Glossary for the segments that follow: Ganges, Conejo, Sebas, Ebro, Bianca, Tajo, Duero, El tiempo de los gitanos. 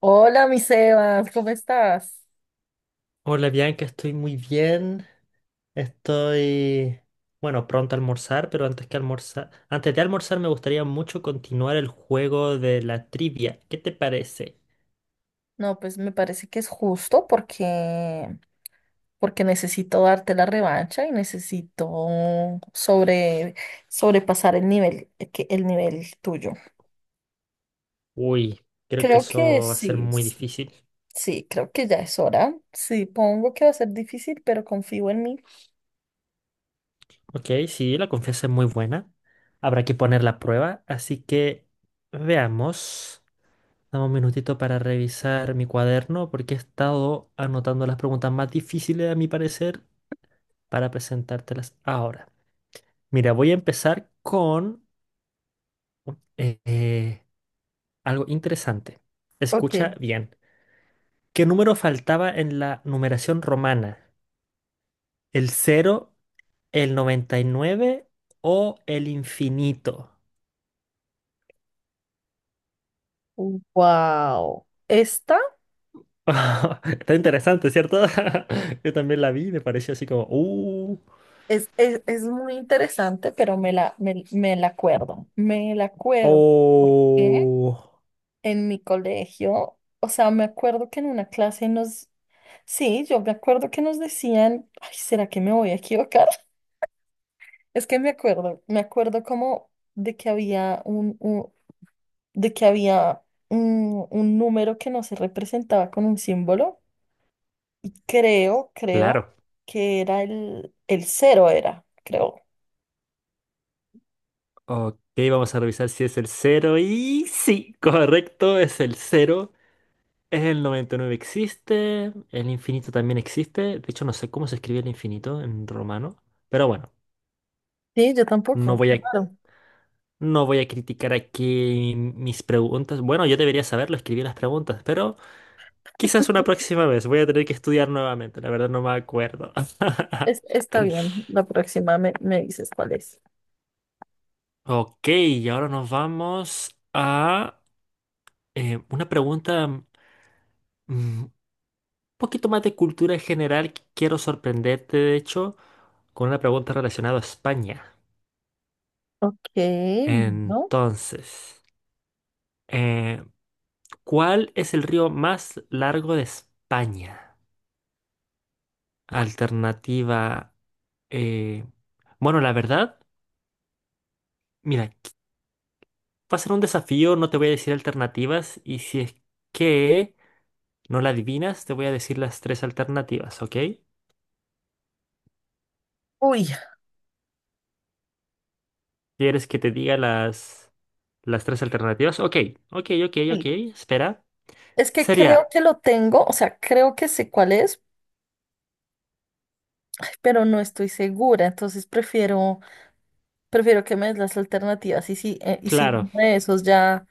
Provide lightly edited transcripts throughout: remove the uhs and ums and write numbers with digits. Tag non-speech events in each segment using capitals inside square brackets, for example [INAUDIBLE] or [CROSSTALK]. Hola, mi Sebas, ¿cómo estás? Hola Bianca, estoy muy bien. Estoy, bueno, Pronto a almorzar, pero antes que almorzar, antes de almorzar me gustaría mucho continuar el juego de la trivia. ¿Qué te parece? No, pues me parece que es justo porque necesito darte la revancha y necesito sobre, sobrepasar el nivel, el nivel tuyo. Uy, creo que Creo que eso va a ser sí, muy sí, difícil. sí, creo que ya es hora. Sí, pongo que va a ser difícil, pero confío en mí. Ok, sí, la confianza es muy buena. Habrá que poner la prueba, así que veamos. Dame un minutito para revisar mi cuaderno porque he estado anotando las preguntas más difíciles a mi parecer para presentártelas ahora. Mira, voy a empezar con eh, eh, algo interesante. Ok, Escucha bien. ¿Qué número faltaba en la numeración romana? ¿El cero, el 99 o el infinito? wow. Esta [LAUGHS] Está interesante, ¿cierto? [LAUGHS] Yo también la vi, me pareció así como es muy interesante, pero me la acuerdo. Me la acuerdo. ¿Por qué? oh. En mi colegio, o sea, me acuerdo que en una clase sí, yo me acuerdo que nos decían, ay, ¿será que me voy a equivocar? [LAUGHS] Es que me acuerdo como de que había de que había un número que no se representaba con un símbolo y creo Claro. que era el cero era, creo. Ok, vamos a revisar si es el cero. Y sí, correcto, es el cero. El 99 existe, el infinito también existe. De hecho, no sé cómo se escribe el infinito en romano. Pero bueno, Sí, yo no tampoco. voy Qué a, raro. no voy a criticar aquí mis preguntas. Bueno, yo debería saberlo, escribí las preguntas, pero quizás una próxima vez. Voy a tener que estudiar nuevamente. La verdad no me acuerdo. [LAUGHS] Está bien, la próxima me dices cuál es. Ok, y ahora nos vamos a una pregunta un poquito más de cultura general. Quiero sorprenderte, de hecho, con una pregunta relacionada a España. Ok, bueno. Entonces, eh, ¿cuál es el río más largo de España? Alternativa, eh, bueno, la verdad, mira, va a ser un desafío, no te voy a decir alternativas y si es que no la adivinas, te voy a decir las tres alternativas, ¿ok? Uy, ¿Quieres que te diga las tres alternativas? Ok, ok, sí. espera. Es que creo Sería, que lo tengo, o sea, creo que sé cuál es, ay, pero no estoy segura, entonces prefiero que me des las alternativas y si claro, uno de esos ya,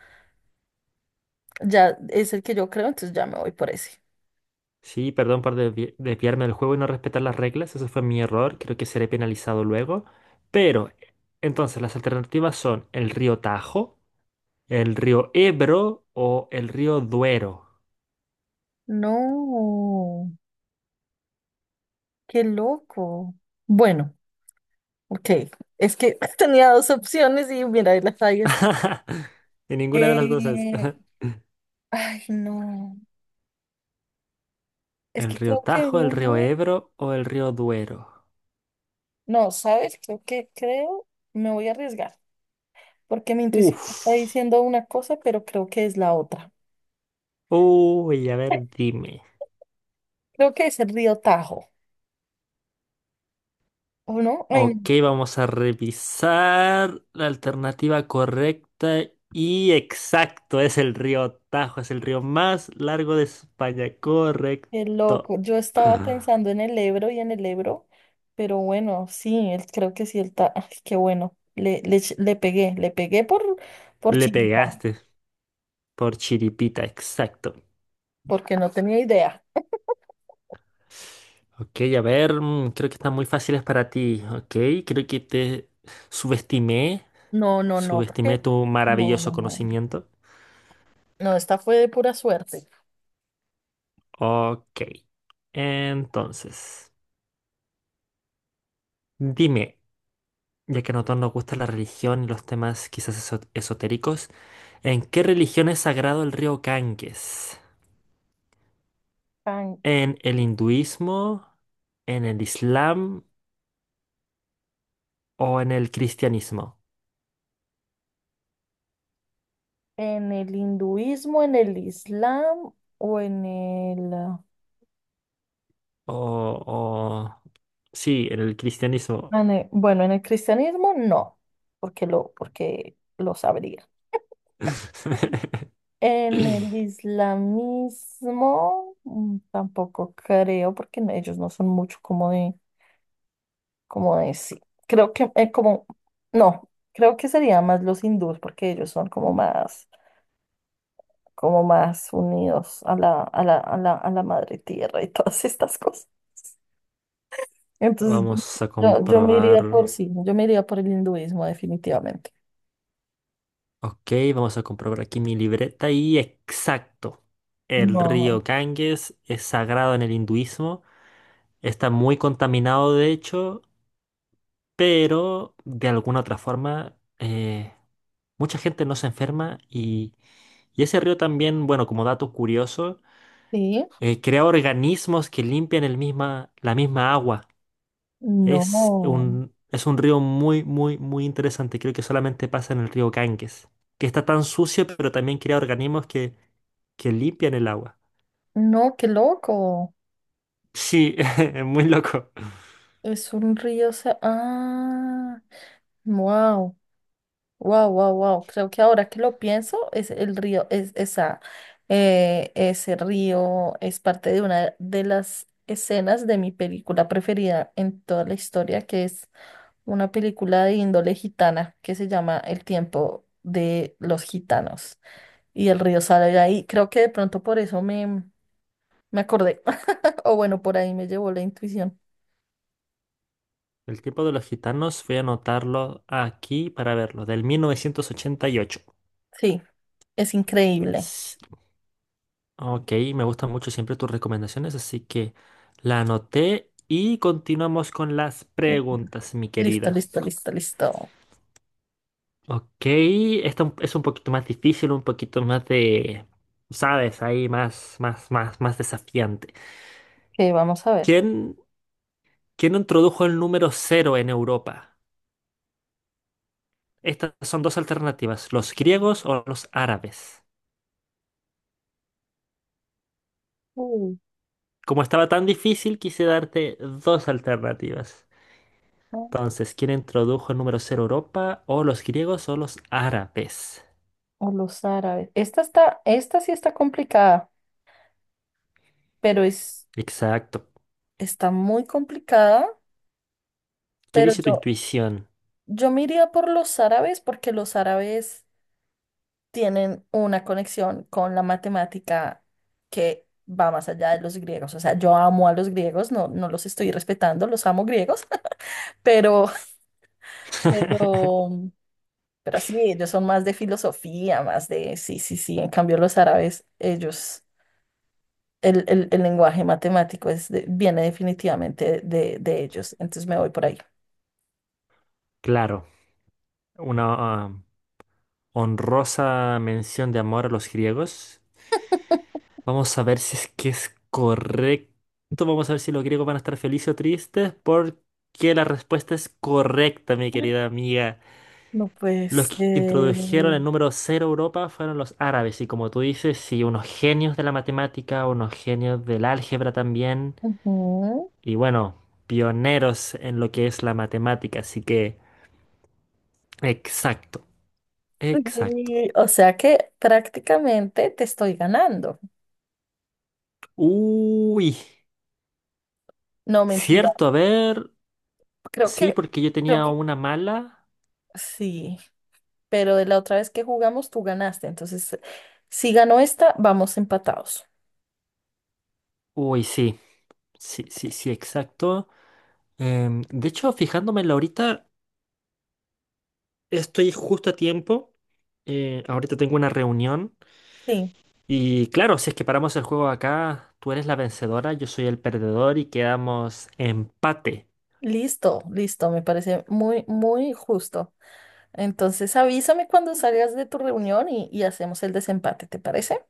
ya es el que yo creo, entonces ya me voy por ese. sí, perdón por desviarme del juego y no respetar las reglas, eso fue mi error, creo que seré penalizado luego. Pero, entonces, las alternativas son el río Tajo, el río Ebro o el río Duero. No. Qué loco. Bueno, ok. Es que [LAUGHS] tenía dos opciones y mira, ahí las fallas. [LAUGHS] Y ninguna de las dos es. Eh, [LAUGHS] Ay, no. Es ¿El que río creo que Tajo, el río uno, Ebro o el río Duero? no, ¿sabes? Me voy a arriesgar, porque mi intuición me está Uf. diciendo una cosa, pero creo que es la otra. Uy, a ver, dime. Creo que es el río Tajo, ¿o no? Ay, Ok, no, vamos a revisar la alternativa correcta y exacto, es el río Tajo, es el río más largo de España, qué correcto. loco. Yo estaba pensando en el Ebro y en el Ebro, pero bueno, sí, creo que sí, el Tajo. Ay, qué bueno. Le pegué, le pegué por Le chiquita. pegaste por chiripita, exacto. Porque no tenía idea. Ok, a ver, mm, creo que están muy fáciles para ti, ok, creo que te subestimé, No, no, no, porque subestimé tu no, maravilloso no, no. conocimiento. No, esta fue de pura suerte. Ok, entonces, dime. Ya que a nosotros nos gusta la religión y los temas quizás esotéricos, ¿en qué religión es sagrado el río Ganges? Tan- ¿En el hinduismo, en el islam o en el cristianismo? En el hinduismo, en el islam o en el, ah, O, o... sí, en el cristianismo. en el- bueno, en el cristianismo no, porque lo sabría. [LAUGHS] En el islamismo tampoco creo, porque ellos no son mucho como de, sí. Creo que como, no, creo que serían más los hindúes, porque ellos son como más unidos a la madre tierra y [LAUGHS] todas estas cosas. Entonces, Vamos a yo, yo yo me comprobar. iría por sí, yo me iría por el hinduismo definitivamente. Ok, vamos a comprobar aquí mi libreta y exacto. El No. río Ganges es sagrado en el hinduismo. Está muy contaminado, de hecho, pero de alguna otra forma mucha gente no se enferma y ese río también, bueno, como dato curioso, Sí, crea organismos que limpian el misma, la misma agua. No, Es un río muy, muy, muy interesante. Creo que solamente pasa en el río Ganges, que está tan sucio, pero también crea organismos que limpian el agua. no, qué loco. Sí, [LAUGHS] es muy loco. Es un río, wow. Wow, wow, wow. Creo que ahora que lo pienso, es el río, es esa, ese río es parte de una de las escenas de mi película preferida en toda la historia, que es una película de índole gitana que se llama El tiempo de los gitanos. Y el río sale de ahí. Creo que de pronto por eso me acordé. [LAUGHS] O bueno, por ahí me llevó la intuición. El tiempo de los gitanos, voy a anotarlo aquí para verlo, del 1988. Sí, es increíble. Ok, me gustan mucho siempre tus recomendaciones, así que la anoté y continuamos con las Qué bu- preguntas, mi Listo, querida. listo, listo, listo. Ok, esta es un poquito más difícil, un poquito más de, sabes, ahí más desafiante. Ok, vamos a ver. ¿Quién, ¿quién introdujo el número cero en Europa? Estas son dos alternativas, los griegos o los árabes. Como estaba tan difícil, quise darte dos alternativas. Bueno. Entonces, ¿quién introdujo el número cero a Europa? ¿O los griegos o los árabes? O los árabes. Esta sí está complicada, pero es, Exacto. está muy complicada, ¿Qué pero dice tu yo, intuición? yo me iría por los árabes porque los árabes tienen una conexión con la matemática que va más allá de los griegos. O sea, yo amo a los griegos, no, no los estoy respetando, los amo griegos, [LAUGHS] pero, pero, [LAUGHS] pero sí, ellos son más de filosofía, sí, sí, sí. En cambio, los árabes, ellos el lenguaje matemático viene definitivamente de ellos. Entonces me voy por ahí. Claro, una ah, honrosa mención de amor a los griegos. Vamos a ver si es que es correcto. Vamos a ver si los griegos van a estar felices o tristes, porque la respuesta es correcta, mi querida amiga. No, Los pues, que introdujeron el número cero a Europa fueron los árabes, y como tú dices, sí, unos genios de la matemática, unos genios del álgebra también, ujú. y bueno, pioneros en lo que es la matemática, así que exacto, exacto. Y, o sea que prácticamente te estoy ganando. Uy, No, mentira. cierto, a ver, Creo sí, que, porque yo creo tenía que una mala. sí, pero de la otra vez que jugamos tú ganaste. Entonces, si ganó esta, vamos empatados. Uy, sí, sí, sí, exacto. De hecho, fijándome en la ahorita, estoy justo a tiempo. Ahorita tengo una reunión. Sí, Y claro, si es que paramos el juego acá, tú eres la vencedora, yo soy el perdedor y quedamos empate. listo, listo. Me parece muy, muy justo. Entonces, avísame cuando salgas de tu reunión y hacemos el desempate, ¿te parece?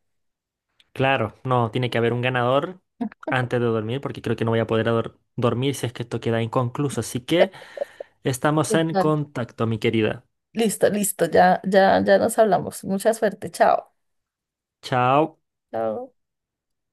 Claro, no, tiene que haber un ganador antes de dormir porque creo que no voy a poder dormir si es que esto queda inconcluso. Así que estamos en Total. contacto, mi querida. Listo, listo, ya, ya, ya nos hablamos. Mucha suerte, chao. Chao. Chao.